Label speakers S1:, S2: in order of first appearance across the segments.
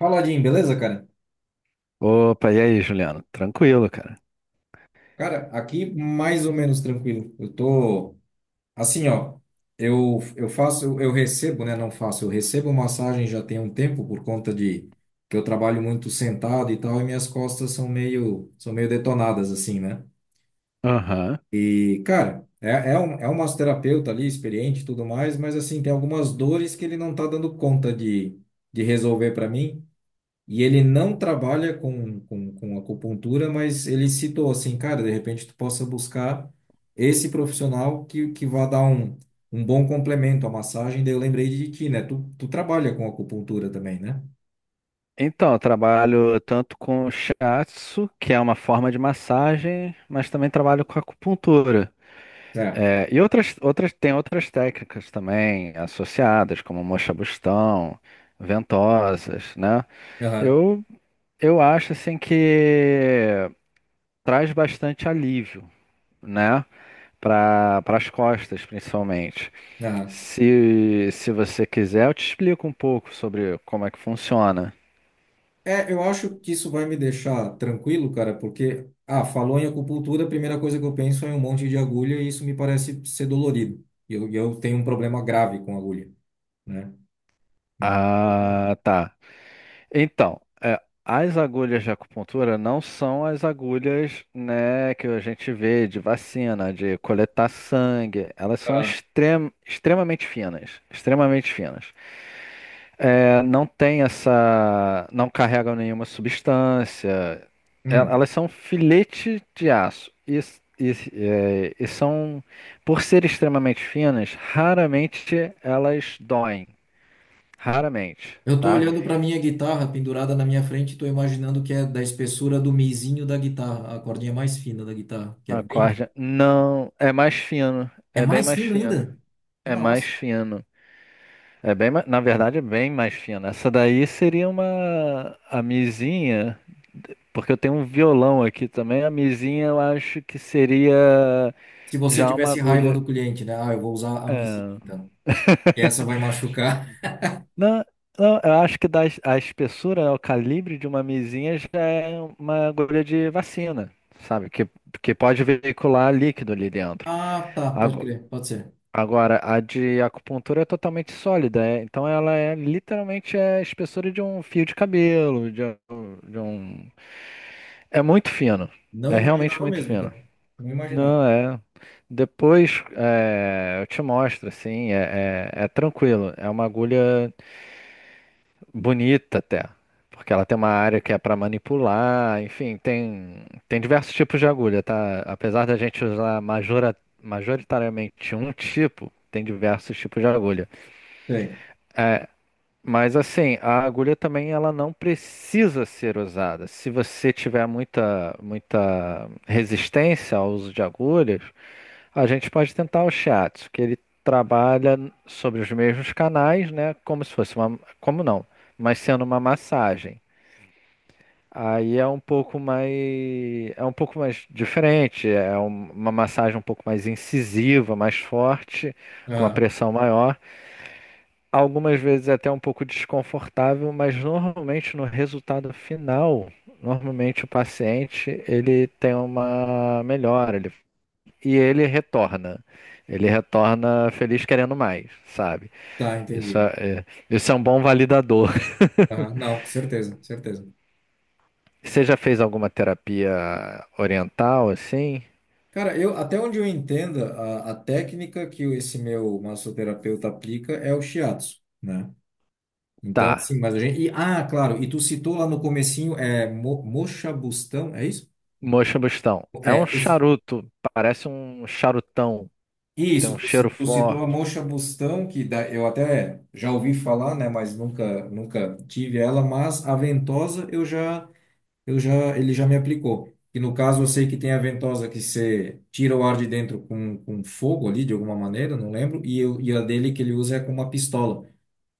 S1: Fala, Jim, beleza, cara?
S2: Opa, e aí, Juliano? Tranquilo, cara.
S1: Cara, aqui mais ou menos tranquilo. Eu tô assim, ó. Eu faço, eu recebo, né? Não faço, eu recebo massagem já tem um tempo por conta de que eu trabalho muito sentado e tal, e minhas costas são são meio detonadas, assim, né?
S2: Aham.
S1: E, cara, é um massoterapeuta ali, experiente e tudo mais, mas assim, tem algumas dores que ele não tá dando conta de resolver para mim. E ele não trabalha com acupuntura, mas ele citou assim, cara, de repente tu possa buscar esse profissional que vá dar um, um bom complemento à massagem. Daí eu lembrei de ti, né? Tu trabalha com acupuntura também, né?
S2: Então, eu trabalho tanto com shiatsu, que é uma forma de massagem, mas também trabalho com acupuntura.
S1: Certo.
S2: É, e outras, tem outras técnicas também associadas, como mocha-bustão, ventosas, né?
S1: Aham,
S2: Eu, eu acho, assim, que traz bastante alívio, né? Para as costas, principalmente.
S1: aham.
S2: Se você quiser, eu te explico um pouco sobre como é que funciona.
S1: É, eu acho que isso vai me deixar tranquilo, cara, porque, ah, falou em acupuntura, a primeira coisa que eu penso é em um monte de agulha e isso me parece ser dolorido. E eu tenho um problema grave com agulha, né?
S2: Ah, tá. Então, as agulhas de acupuntura não são as agulhas, né, que a gente vê de vacina, de coletar sangue. Elas são
S1: Ah.
S2: extremamente finas, extremamente finas. É, não tem essa. Não carregam nenhuma substância.
S1: Hum.
S2: Elas são filete de aço. E, é, e são, por ser extremamente finas, raramente elas doem. Raramente,
S1: Eu tô
S2: tá?
S1: olhando para minha guitarra pendurada na minha frente e tô imaginando que é da espessura do mizinho da guitarra, a cordinha mais fina da guitarra, que é
S2: A
S1: bem fina.
S2: corda não é mais fino.
S1: É
S2: É bem
S1: mais
S2: mais
S1: fino
S2: fino.
S1: ainda?
S2: É mais
S1: Nossa.
S2: fino. É bem, na verdade, é bem mais fina. Essa daí seria uma a mizinha, porque eu tenho um violão aqui também. A mizinha eu acho que seria
S1: Se você
S2: já uma
S1: tivesse raiva
S2: agulha.
S1: do cliente, né? Ah, eu vou usar a mizinha,
S2: é,
S1: então. Que essa vai machucar.
S2: Não, não, eu acho que a espessura, né, o calibre de uma mizinha já é uma agulha de vacina, sabe? Que pode veicular líquido ali dentro.
S1: Ah, tá, pode crer, pode ser.
S2: Agora, a de acupuntura é totalmente sólida, então ela é literalmente é espessura de um fio de cabelo, um... de um- é muito fino,
S1: Não
S2: é realmente
S1: imaginava
S2: muito
S1: mesmo,
S2: fino.
S1: cara. Não imaginava.
S2: Não, é. Depois eu te mostro, assim, é tranquilo, é uma agulha bonita até, porque ela tem uma área que é para manipular, enfim, tem diversos tipos de agulha, tá? Apesar da gente usar majoritariamente um tipo, tem diversos tipos de agulha.
S1: Sei.
S2: Mas assim, a agulha também ela não precisa ser usada. Se você tiver muita resistência ao uso de agulhas, a gente pode tentar o shiatsu, que ele trabalha sobre os mesmos canais, né? Como se fosse uma, como não, mas sendo uma massagem. Aí é um pouco mais, é um pouco mais diferente, uma massagem um pouco mais incisiva, mais forte, com uma
S1: Ah,
S2: pressão maior. Algumas vezes é até um pouco desconfortável, mas normalmente no resultado final, normalmente o paciente ele tem uma melhora, e ele retorna. Ele retorna feliz querendo mais, sabe?
S1: tá,
S2: Isso
S1: entendi.
S2: é, é- isso é um bom validador.
S1: Ah, não, certeza, certeza.
S2: Você já fez alguma terapia oriental assim?
S1: Cara, eu até onde eu entenda, a técnica que esse meu massoterapeuta aplica é o shiatsu, né? Então,
S2: Tá.
S1: assim, mas a gente. E, ah, claro, e tu citou lá no comecinho, é Mo, Mocha Bustão, é isso?
S2: Moxibustão. É um
S1: É,
S2: charuto, parece um charutão, tem
S1: isso,
S2: um cheiro
S1: tu citou a
S2: forte.
S1: Mocha Bustão, que da, eu até já ouvi falar, né? Mas nunca, nunca tive ela, mas a ventosa eu já, ele já me aplicou. E no caso eu sei que tem a ventosa que você tira o ar de dentro com fogo ali, de alguma maneira, não lembro, e a dele que ele usa é com uma pistola,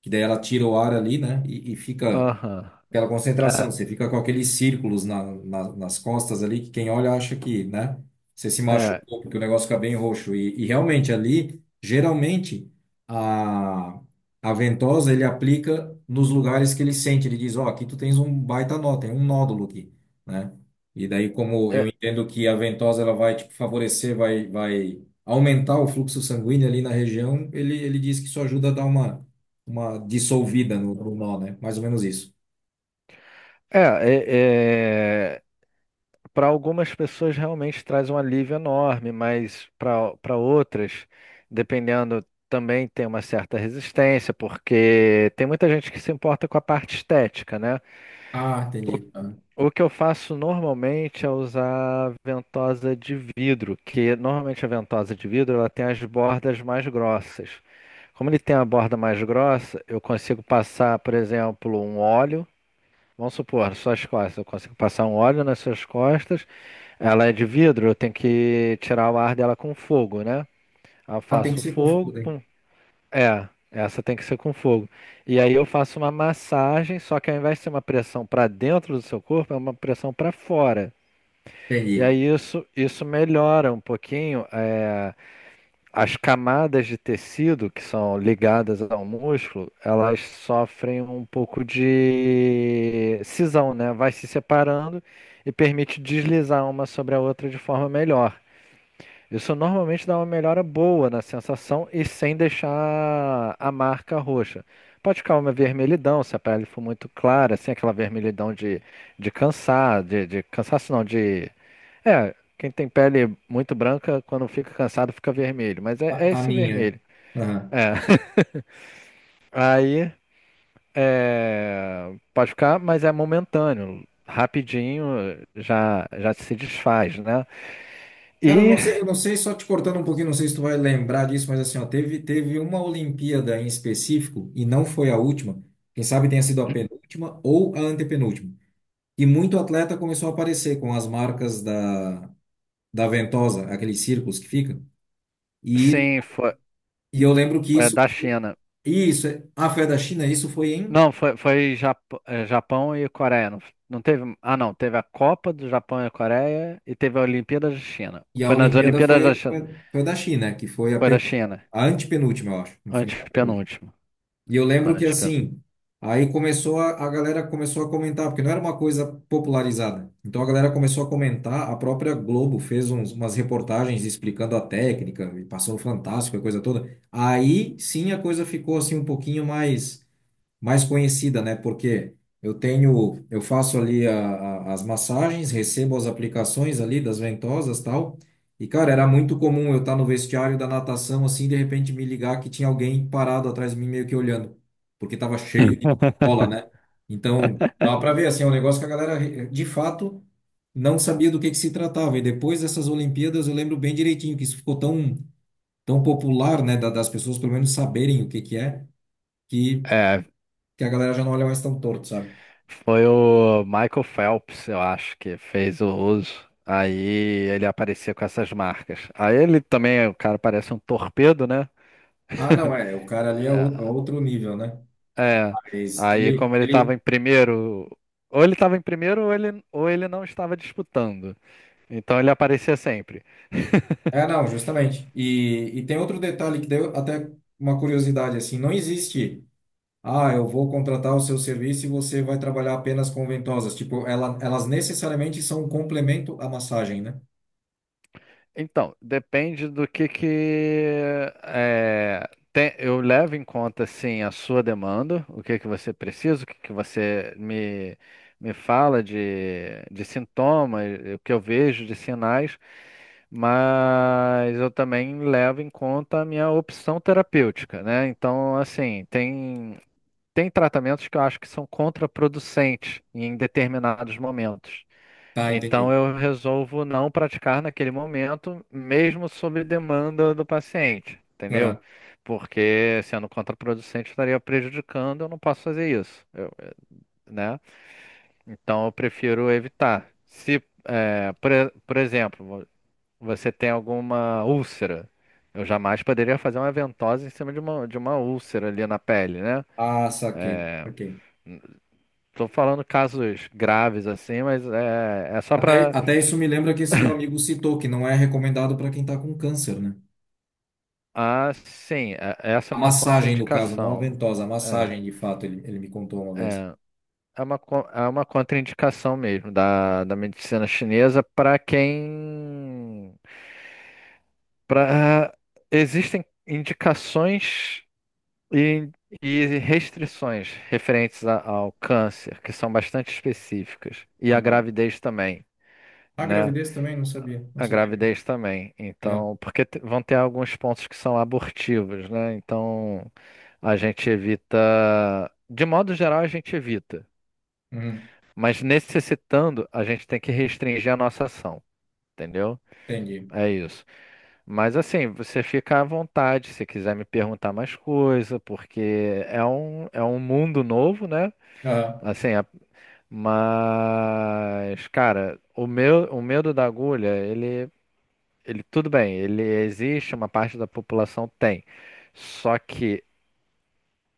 S1: que daí ela tira o ar ali, né? E fica
S2: Aham.
S1: aquela concentração,
S2: É,
S1: você fica com aqueles círculos nas costas ali, que quem olha acha que, né? Você se
S2: é.
S1: machucou, porque o negócio fica bem roxo. E realmente ali, geralmente, a, a ventosa ele aplica nos lugares que ele sente. Ele diz: Ó, aqui tu tens um baita nó, tem um nódulo aqui, né? E daí, como eu
S2: É.
S1: entendo que a ventosa ela vai tipo, favorecer, vai aumentar o fluxo sanguíneo ali na região, ele diz que isso ajuda a dar uma dissolvida no nó, né? Mais ou menos isso.
S2: É, é, para algumas pessoas realmente traz um alívio enorme, mas para outras, dependendo, também tem uma certa resistência, porque tem muita gente que se importa com a parte estética, né?
S1: Ah, entendi. Ah.
S2: O que eu faço normalmente é usar ventosa de vidro, que normalmente a ventosa de vidro ela tem as bordas mais grossas. Como ele tem a borda mais grossa, eu consigo passar, por exemplo, um óleo. Vamos supor, suas costas. Eu consigo passar um óleo nas suas costas. Ela é de vidro, eu tenho que tirar o ar dela com fogo, né? Eu
S1: Ah, tem que
S2: faço
S1: se
S2: fogo,
S1: confundir.
S2: pum. É, essa tem que ser com fogo. E aí eu faço uma massagem, só que ao invés de ser uma pressão para dentro do seu corpo, é uma pressão para fora. E
S1: Entendi.
S2: aí isso melhora um pouquinho. As camadas de tecido que são ligadas ao músculo, elas sofrem um pouco de cisão, né? Vai se separando e permite deslizar uma sobre a outra de forma melhor. Isso normalmente dá uma melhora boa na sensação e sem deixar a marca roxa. Pode ficar uma vermelhidão se a pele for muito clara, assim, aquela vermelhidão de cansar, de cansaço não, de é, quem tem pele muito branca, quando fica cansado, fica vermelho. Mas é
S1: A
S2: esse
S1: minha.
S2: vermelho.
S1: Aham.
S2: É. Aí, pode ficar, mas é momentâneo. Rapidinho já se desfaz, né?
S1: Cara,
S2: E,
S1: eu não sei, só te cortando um pouquinho, não sei se tu vai lembrar disso, mas assim, ó, teve uma Olimpíada em específico, e não foi a última, quem sabe tenha sido a penúltima ou a antepenúltima. E muito atleta começou a aparecer com as marcas da ventosa, aqueles círculos que ficam. E,
S2: sim, foi,
S1: e eu lembro que
S2: foi
S1: isso,
S2: da China.
S1: isso, é, ah, foi a da China, isso foi em,
S2: Não, foi Japão e Coreia. Não, não teve. Ah, não. Teve a Copa do Japão e a Coreia e teve a Olimpíada da China.
S1: e a
S2: Foi nas
S1: Olimpíada
S2: Olimpíadas da China.
S1: foi a da China, que foi a
S2: Foi da China.
S1: A antepenúltima, eu acho. Não foi
S2: Antes
S1: nem a penúltima.
S2: penúltimo.
S1: E eu lembro que
S2: Antes
S1: assim, aí começou a galera começou a comentar, porque não era uma coisa popularizada. Então a galera começou a comentar, a própria Globo fez uns- umas reportagens explicando a técnica, e passou o Fantástico, a coisa toda. Aí sim a coisa ficou assim um pouquinho mais conhecida, né? Porque eu tenho, eu faço ali a- as massagens, recebo as aplicações ali das ventosas, tal. E cara, era muito comum eu estar no vestiário da natação assim, e de repente me ligar que tinha alguém parado atrás de mim meio que olhando, porque tava cheio de cola, né? Então, dá para ver assim, é um negócio que a galera eh, de fato não sabia do que se tratava. E depois dessas Olimpíadas, eu lembro bem direitinho que isso ficou tão popular, né, da- das pessoas pelo menos saberem o que que é. que que a galera já não olha mais tão torto, sabe?
S2: foi o Michael Phelps, eu acho, que fez o uso. Aí ele aparecia com essas marcas. Aí ele também, o cara parece um torpedo, né?
S1: Ah, não, é, o cara ali é ou- é outro nível, né?
S2: É.
S1: Mas
S2: Aí
S1: ele,
S2: como ele
S1: ele...
S2: estava em primeiro, ou ele estava em primeiro ou ou ele não estava disputando. Então ele aparecia sempre.
S1: É, não, justamente. E tem outro detalhe que deu até uma curiosidade, assim, não existe, ah, eu vou contratar o seu serviço e você vai trabalhar apenas com ventosas. Tipo, ela, elas necessariamente são um complemento à massagem, né?
S2: Então, depende do que é, eu levo em conta assim a sua demanda, o que que você precisa, o que que você me fala de sintomas, o que eu vejo de sinais, mas eu também levo em conta a minha opção terapêutica, né? Então, assim, tem tratamentos que eu acho que são contraproducentes em determinados momentos.
S1: Tá,
S2: Então
S1: entendi.
S2: eu resolvo não praticar naquele momento, mesmo sob demanda do paciente, entendeu?
S1: Aham.
S2: Porque sendo contraproducente, estaria prejudicando, eu não posso fazer isso, né? Então eu prefiro evitar. Se, eh, por, e- Por exemplo, você tem alguma úlcera, eu jamais poderia fazer uma ventosa em cima de de uma úlcera ali na pele, né?
S1: Ah, saquei, saquei.
S2: Estou falando casos graves assim, mas é só
S1: Até,
S2: para
S1: até isso me lembra que esse meu amigo citou, que não é recomendado para quem tá com câncer, né?
S2: ah, sim, essa
S1: A
S2: é uma
S1: massagem, no caso, não a
S2: contraindicação.
S1: ventosa, a
S2: É,
S1: massagem, de fato, ele me contou uma vez.
S2: é, é uma contraindicação mesmo da medicina chinesa para quem. Pra, existem indicações e, e restrições referentes ao câncer, que são bastante específicas, e à
S1: Aham.
S2: gravidez também,
S1: A
S2: né?
S1: gravidez também, não sabia, não
S2: A
S1: sabia mesmo.
S2: gravidez também.
S1: Aham.
S2: Então, porque vão ter alguns pontos que são abortivos, né? Então, a gente evita. De modo geral, a gente evita.
S1: Uhum.
S2: Mas necessitando, a gente tem que restringir a nossa ação, entendeu?
S1: Entendi.
S2: É isso. Mas assim, você fica à vontade se quiser me perguntar mais coisa, porque é um mundo novo, né?
S1: Aham.
S2: Assim, mas, cara, o medo da agulha, ele, tudo bem, ele existe, uma parte da população tem. Só que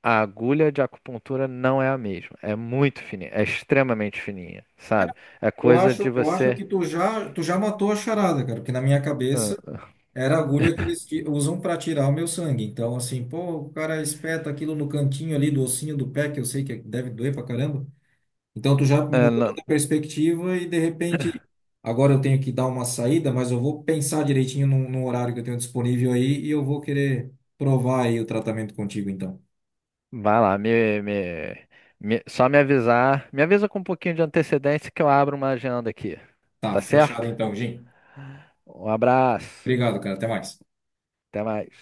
S2: a agulha de acupuntura não é a mesma. É muito fininha, é extremamente fininha,
S1: Ah, não.
S2: sabe? É coisa de
S1: Eu acho
S2: você.
S1: que tu já matou a charada, cara, porque na minha
S2: Ah,
S1: cabeça era a agulha que eles ti- usam para tirar o meu sangue. Então, assim, pô, o cara espeta aquilo no cantinho ali do ossinho do pé, que eu sei que deve doer pra caramba. Então tu já
S2: ah,
S1: mudou
S2: não-
S1: toda a perspectiva e de repente agora eu tenho que dar uma saída, mas eu vou pensar direitinho no horário que eu tenho disponível aí e eu vou querer provar aí o tratamento contigo então.
S2: vai lá, só me avisar. Me avisa com um pouquinho de antecedência que eu abro uma agenda aqui.
S1: Tá,
S2: Tá
S1: fechado
S2: certo?
S1: então, Jim.
S2: Um abraço.
S1: Obrigado, cara. Até mais.
S2: Até mais.